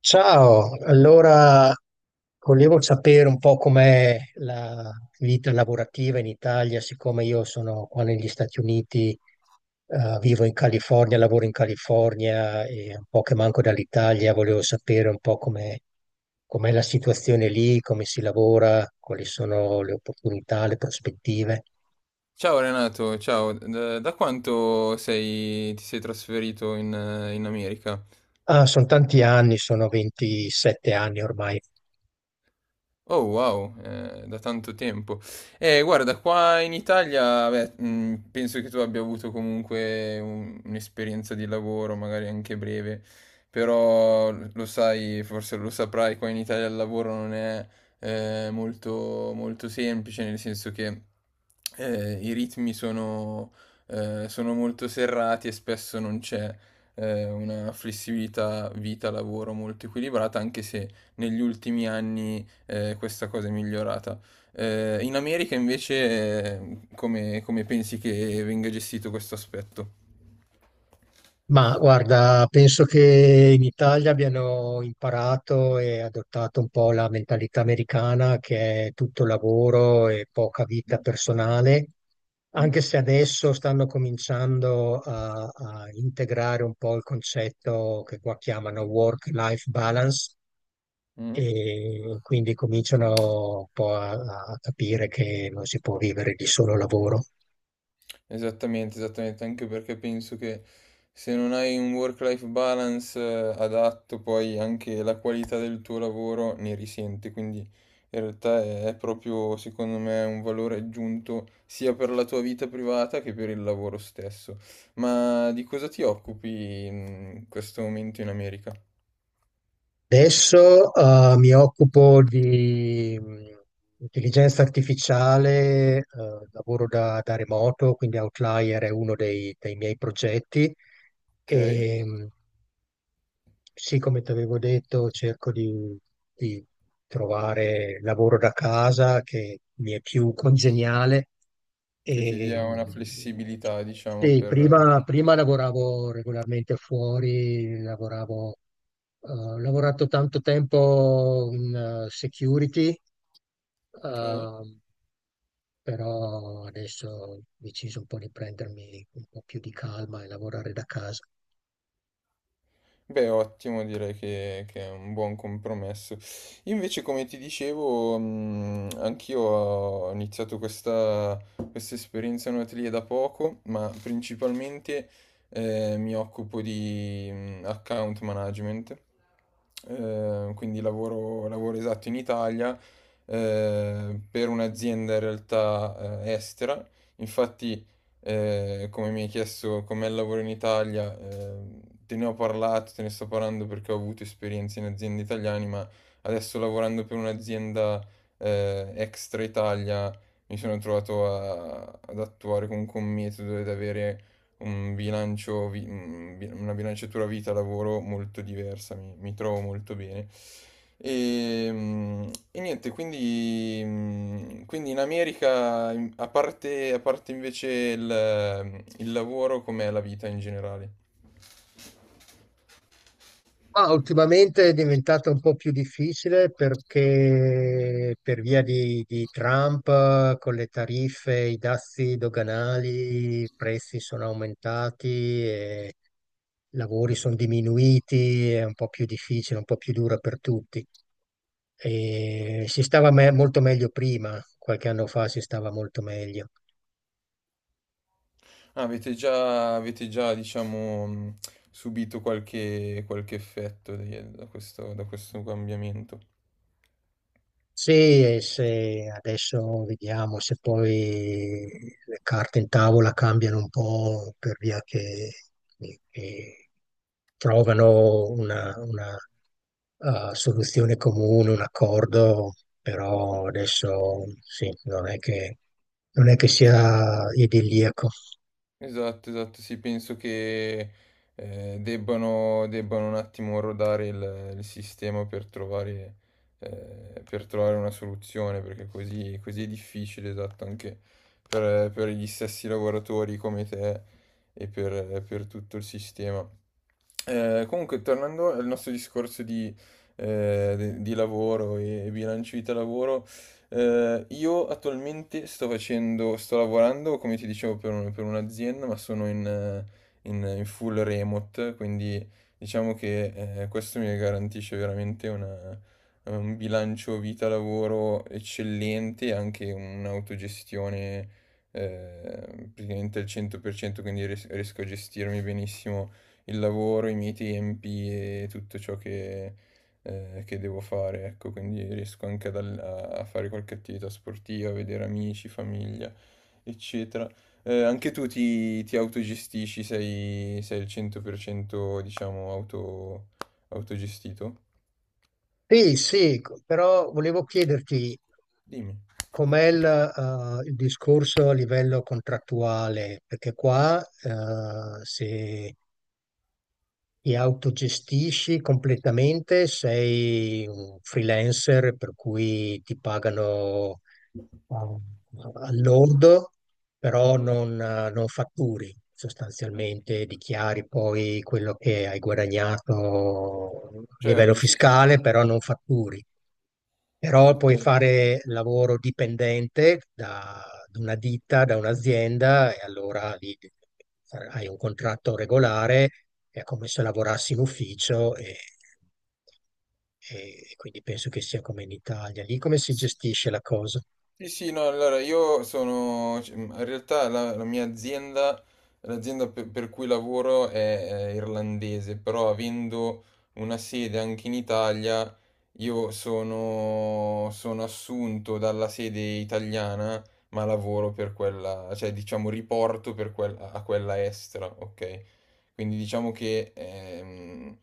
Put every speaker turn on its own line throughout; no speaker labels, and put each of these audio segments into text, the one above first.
Ciao, allora volevo sapere un po' com'è la vita lavorativa in Italia, siccome io sono qua negli Stati Uniti, vivo in California, lavoro in California e un po' che manco dall'Italia, volevo sapere un po' com'è la situazione lì, come si lavora, quali sono le opportunità, le prospettive.
Ciao Renato, ciao, da quanto ti sei trasferito in, in America?
Ah, sono tanti anni, sono 27 anni ormai.
Oh wow, da tanto tempo. Guarda, qua in Italia, beh, penso che tu abbia avuto comunque un'esperienza di lavoro, magari anche breve, però lo sai, forse lo saprai, qua in Italia il lavoro non è molto, molto semplice, nel senso che i ritmi sono, sono molto serrati e spesso non c'è una flessibilità vita-lavoro molto equilibrata, anche se negli ultimi anni questa cosa è migliorata. In America invece, come, come pensi che venga gestito questo aspetto?
Ma guarda, penso che in Italia abbiano imparato e adottato un po' la mentalità americana che è tutto lavoro e poca vita personale,
Mm?
anche se adesso stanno cominciando a integrare un po' il concetto che qua chiamano work-life balance,
Mm?
e quindi cominciano un po' a capire che non si può vivere di solo lavoro.
Esattamente, esattamente, anche perché penso che se non hai un work-life balance adatto, poi anche la qualità del tuo lavoro ne risente, quindi in realtà è proprio, secondo me, un valore aggiunto sia per la tua vita privata che per il lavoro stesso. Ma di cosa ti occupi in questo momento in America?
Adesso mi occupo di intelligenza artificiale, lavoro da remoto, quindi Outlier è uno dei miei progetti
Ok?
e sì, come ti avevo detto, cerco di trovare lavoro da casa che mi è più congeniale.
Che ti
E,
dia una
mh,
flessibilità, diciamo,
sì,
per...
prima lavoravo regolarmente fuori, lavoravo ho lavorato tanto tempo in security,
Ok?
eh, però adesso ho deciso un po' di prendermi un po' più di calma e lavorare da casa.
Beh, ottimo, direi che è un buon compromesso. Io invece, come ti dicevo, anch'io ho iniziato questa, questa esperienza in un atelier da poco, ma principalmente mi occupo di account management. Quindi lavoro, lavoro esatto in Italia per un'azienda in realtà estera. Infatti, come mi hai chiesto com'è il lavoro in Italia, te ne ho parlato, te ne sto parlando perché ho avuto esperienze in aziende italiane, ma adesso lavorando per un'azienda, extra Italia, mi sono trovato ad attuare comunque un metodo ed avere un bilancio, vi- un bi- una bilanciatura vita-lavoro molto diversa, mi trovo molto bene. E, e niente, quindi, quindi in America, a parte invece il lavoro, com'è la vita in generale?
Ma ultimamente è diventato un po' più difficile perché per via di Trump, con le tariffe, i dazi doganali, i prezzi sono aumentati e i lavori sono diminuiti, è un po' più difficile, un po' più dura per tutti. E si stava molto meglio prima, qualche anno fa si stava molto meglio.
Ah, avete già, diciamo, subito qualche, qualche da questo cambiamento?
Sì, e se adesso vediamo se poi le carte in tavola cambiano un po' per via che trovano una soluzione comune, un accordo, però adesso sì, non è che
Sì.
sia idilliaco.
Esatto, esatto, sì, penso che debbano, debbano un attimo rodare il sistema per trovare una soluzione, perché così, così è difficile, esatto, anche per gli stessi lavoratori come te e per tutto il sistema. Comunque, tornando al nostro discorso di, di lavoro e bilancio vita-lavoro, io attualmente sto facendo, sto lavorando, come ti dicevo, per per un'azienda, ma sono in, in full remote, quindi diciamo che questo mi garantisce veramente un bilancio vita-lavoro eccellente e anche un'autogestione praticamente al 100%, quindi riesco a gestirmi benissimo il lavoro, i miei tempi e tutto ciò che devo fare, ecco, quindi riesco anche ad a fare qualche attività sportiva, a vedere amici, famiglia, eccetera. Anche tu ti, ti autogestisci, sei, sei il 100%, diciamo, auto, autogestito?
Sì, sì, però volevo chiederti,
Dimmi.
com'è il discorso a livello contrattuale? Perché qua, se ti autogestisci completamente, sei un freelancer, per cui ti pagano eh, al lordo, però
Mhm,
non fatturi sostanzialmente,
ok.
dichiari poi quello che hai guadagnato a livello
Certo, sì, sì.
fiscale, però non fatturi. Però
Ok.
puoi fare lavoro dipendente da una ditta, da un'azienda, e allora lì hai un contratto regolare, è come se lavorassi in ufficio e quindi penso che sia come in Italia. Lì come si
Sì,
gestisce la cosa?
sì, sì, no, allora io sono, cioè, in realtà la, la mia azienda, l'azienda per cui lavoro è irlandese, però avendo una sede anche in Italia, io sono, sono assunto dalla sede italiana, ma lavoro per quella, cioè diciamo riporto per quella, a quella estera, ok? Quindi diciamo che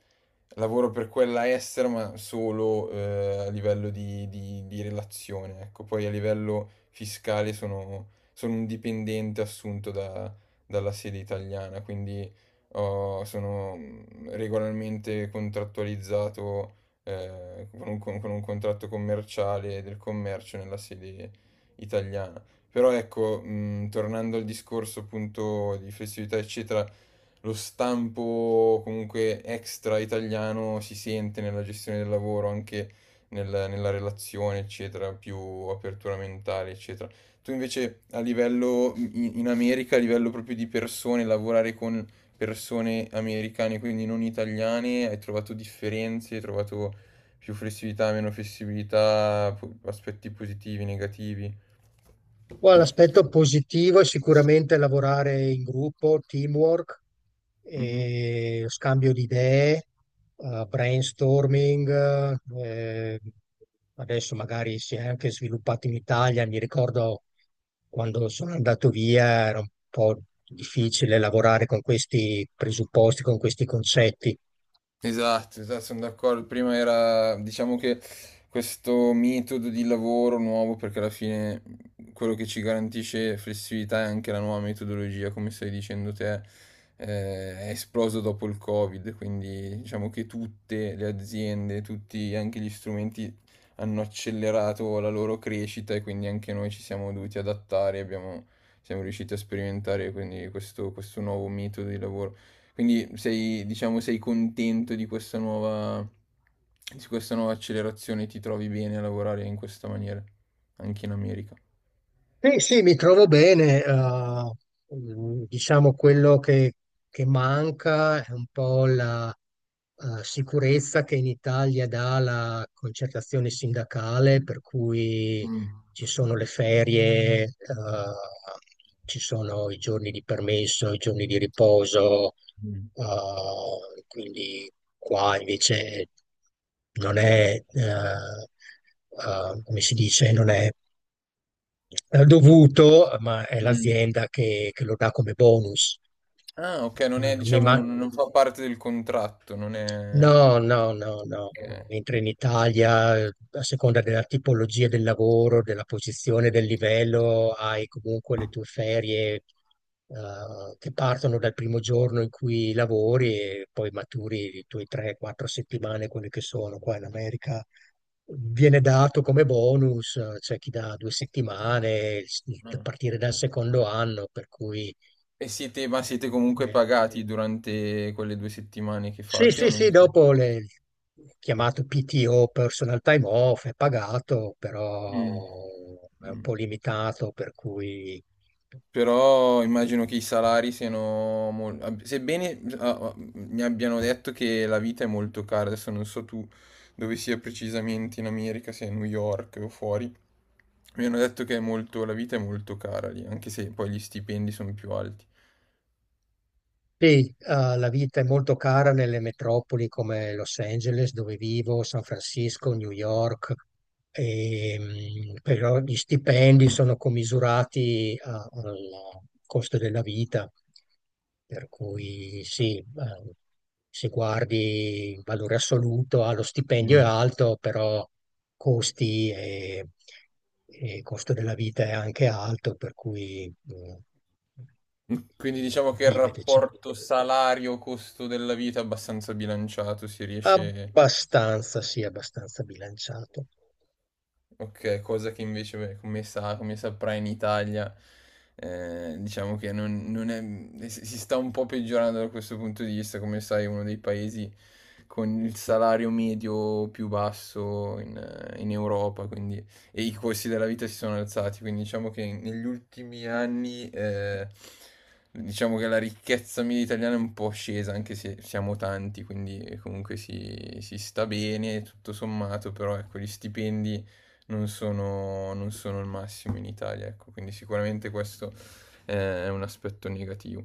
lavoro per quella estera, ma solo, a livello di di relazione, ecco. Poi a livello fiscale sono sono un dipendente assunto da dalla sede italiana, quindi ho sono, regolarmente contrattualizzato, con un con un contratto commerciale del commercio nella sede italiana. Però ecco, tornando al discorso appunto di flessibilità eccetera, lo stampo comunque extra italiano si sente nella gestione del lavoro, anche nella relazione, eccetera, più apertura mentale, eccetera. Tu invece a livello in, in America, a livello proprio di persone, lavorare con persone americane, quindi non italiane, hai trovato differenze, hai trovato più flessibilità, meno flessibilità, aspetti positivi, negativi.
Poi l'aspetto positivo è sicuramente lavorare in gruppo, teamwork,
Mhm.
e scambio di idee, brainstorming, eh, adesso magari si è anche sviluppato in Italia. Mi ricordo quando sono andato via era un po' difficile lavorare con questi presupposti, con questi concetti.
Esatto, esatto, sono d'accordo. Prima era, diciamo che questo metodo di lavoro nuovo, perché alla fine quello che ci garantisce flessibilità è anche la nuova metodologia, come stai dicendo te, eh, è esploso dopo il Covid, quindi diciamo che tutte le aziende, tutti anche gli strumenti hanno accelerato la loro crescita e quindi anche noi ci siamo dovuti adattare, abbiamo, siamo riusciti a sperimentare quindi questo nuovo metodo di lavoro. Quindi sei, diciamo, sei contento di questa nuova accelerazione, ti trovi bene a lavorare in questa maniera, anche in America.
Sì, sì, mi trovo bene. Diciamo quello che manca è un po' la sicurezza che in Italia dà la concertazione sindacale, per cui
Mm.
ci sono le ferie, ci sono i giorni di permesso, i giorni di riposo,
Mm.
quindi qua invece non è, come si dice, non è dovuto, ma è
Mm.
l'azienda che lo dà come bonus.
Ah, ok, non è,
Non mi,
diciamo,
ma-
non, non fa parte del contratto, non è...
No, no, no, no.
ok.
Mentre in Italia, a seconda della tipologia del lavoro, della posizione, del livello, hai comunque le tue ferie, che partono dal primo giorno in cui lavori e poi maturi le tue 3-4 settimane, quelle che sono. Qua in America viene dato come bonus, c'è chi dà due settimane, a
Ah.
partire dal secondo anno, per cui...
E siete, ma
eh,
siete comunque
eh,
pagati durante quelle due settimane che
Sì,
fate o
sì,
non
sì,
siete?
dopo le chiamato PTO, personal time off, è pagato,
Mm.
però è un
Mm.
po' limitato, per cui
Però immagino che i salari siano sebbene ah, ah, mi abbiano detto che la vita è molto cara, adesso non so tu dove sia precisamente in America, se a New York o fuori, mi hanno detto che è la vita è molto cara lì, anche se poi gli stipendi sono più alti.
sì, la vita è molto cara nelle metropoli come Los Angeles, dove vivo, San Francisco, New York, e, però gli stipendi sono commisurati al costo della vita, per cui sì, se guardi in valore assoluto, ah, lo stipendio è
Mm.
alto, però costi e costo della vita è anche alto, per cui
Quindi
si
diciamo
si
che il
vive decente.
rapporto salario-costo della vita è abbastanza bilanciato, si riesce.
Abbastanza, sì, abbastanza bilanciato.
Ok, cosa che invece, beh, come saprai in Italia, diciamo che non, non è, si si sta un po' peggiorando da questo punto di vista, come sai, è uno dei paesi con il salario medio più basso in, in Europa, quindi, e i costi della vita si sono alzati, quindi diciamo che negli ultimi anni, diciamo che la ricchezza media italiana è un po' scesa, anche se siamo tanti, quindi comunque si, si sta bene, tutto sommato, però ecco, gli stipendi non sono, non sono il massimo in Italia, ecco, quindi sicuramente questo è un aspetto negativo.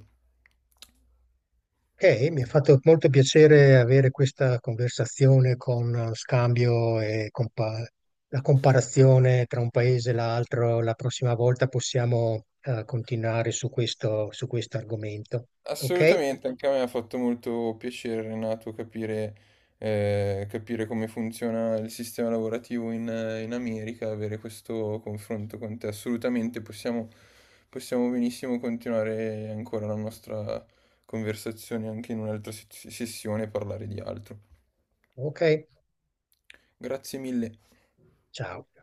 Ok, mi ha fatto molto piacere avere questa conversazione con scambio e la comparazione tra un paese e l'altro. La prossima volta possiamo continuare su questo argomento. Ok?
Assolutamente, anche a me ha fatto molto piacere, Renato, capire, capire come funziona il sistema lavorativo in, in America, avere questo confronto con te. Assolutamente, possiamo, possiamo benissimo continuare ancora la nostra conversazione anche in un'altra sessione e parlare di altro.
Ok,
Grazie mille.
ciao.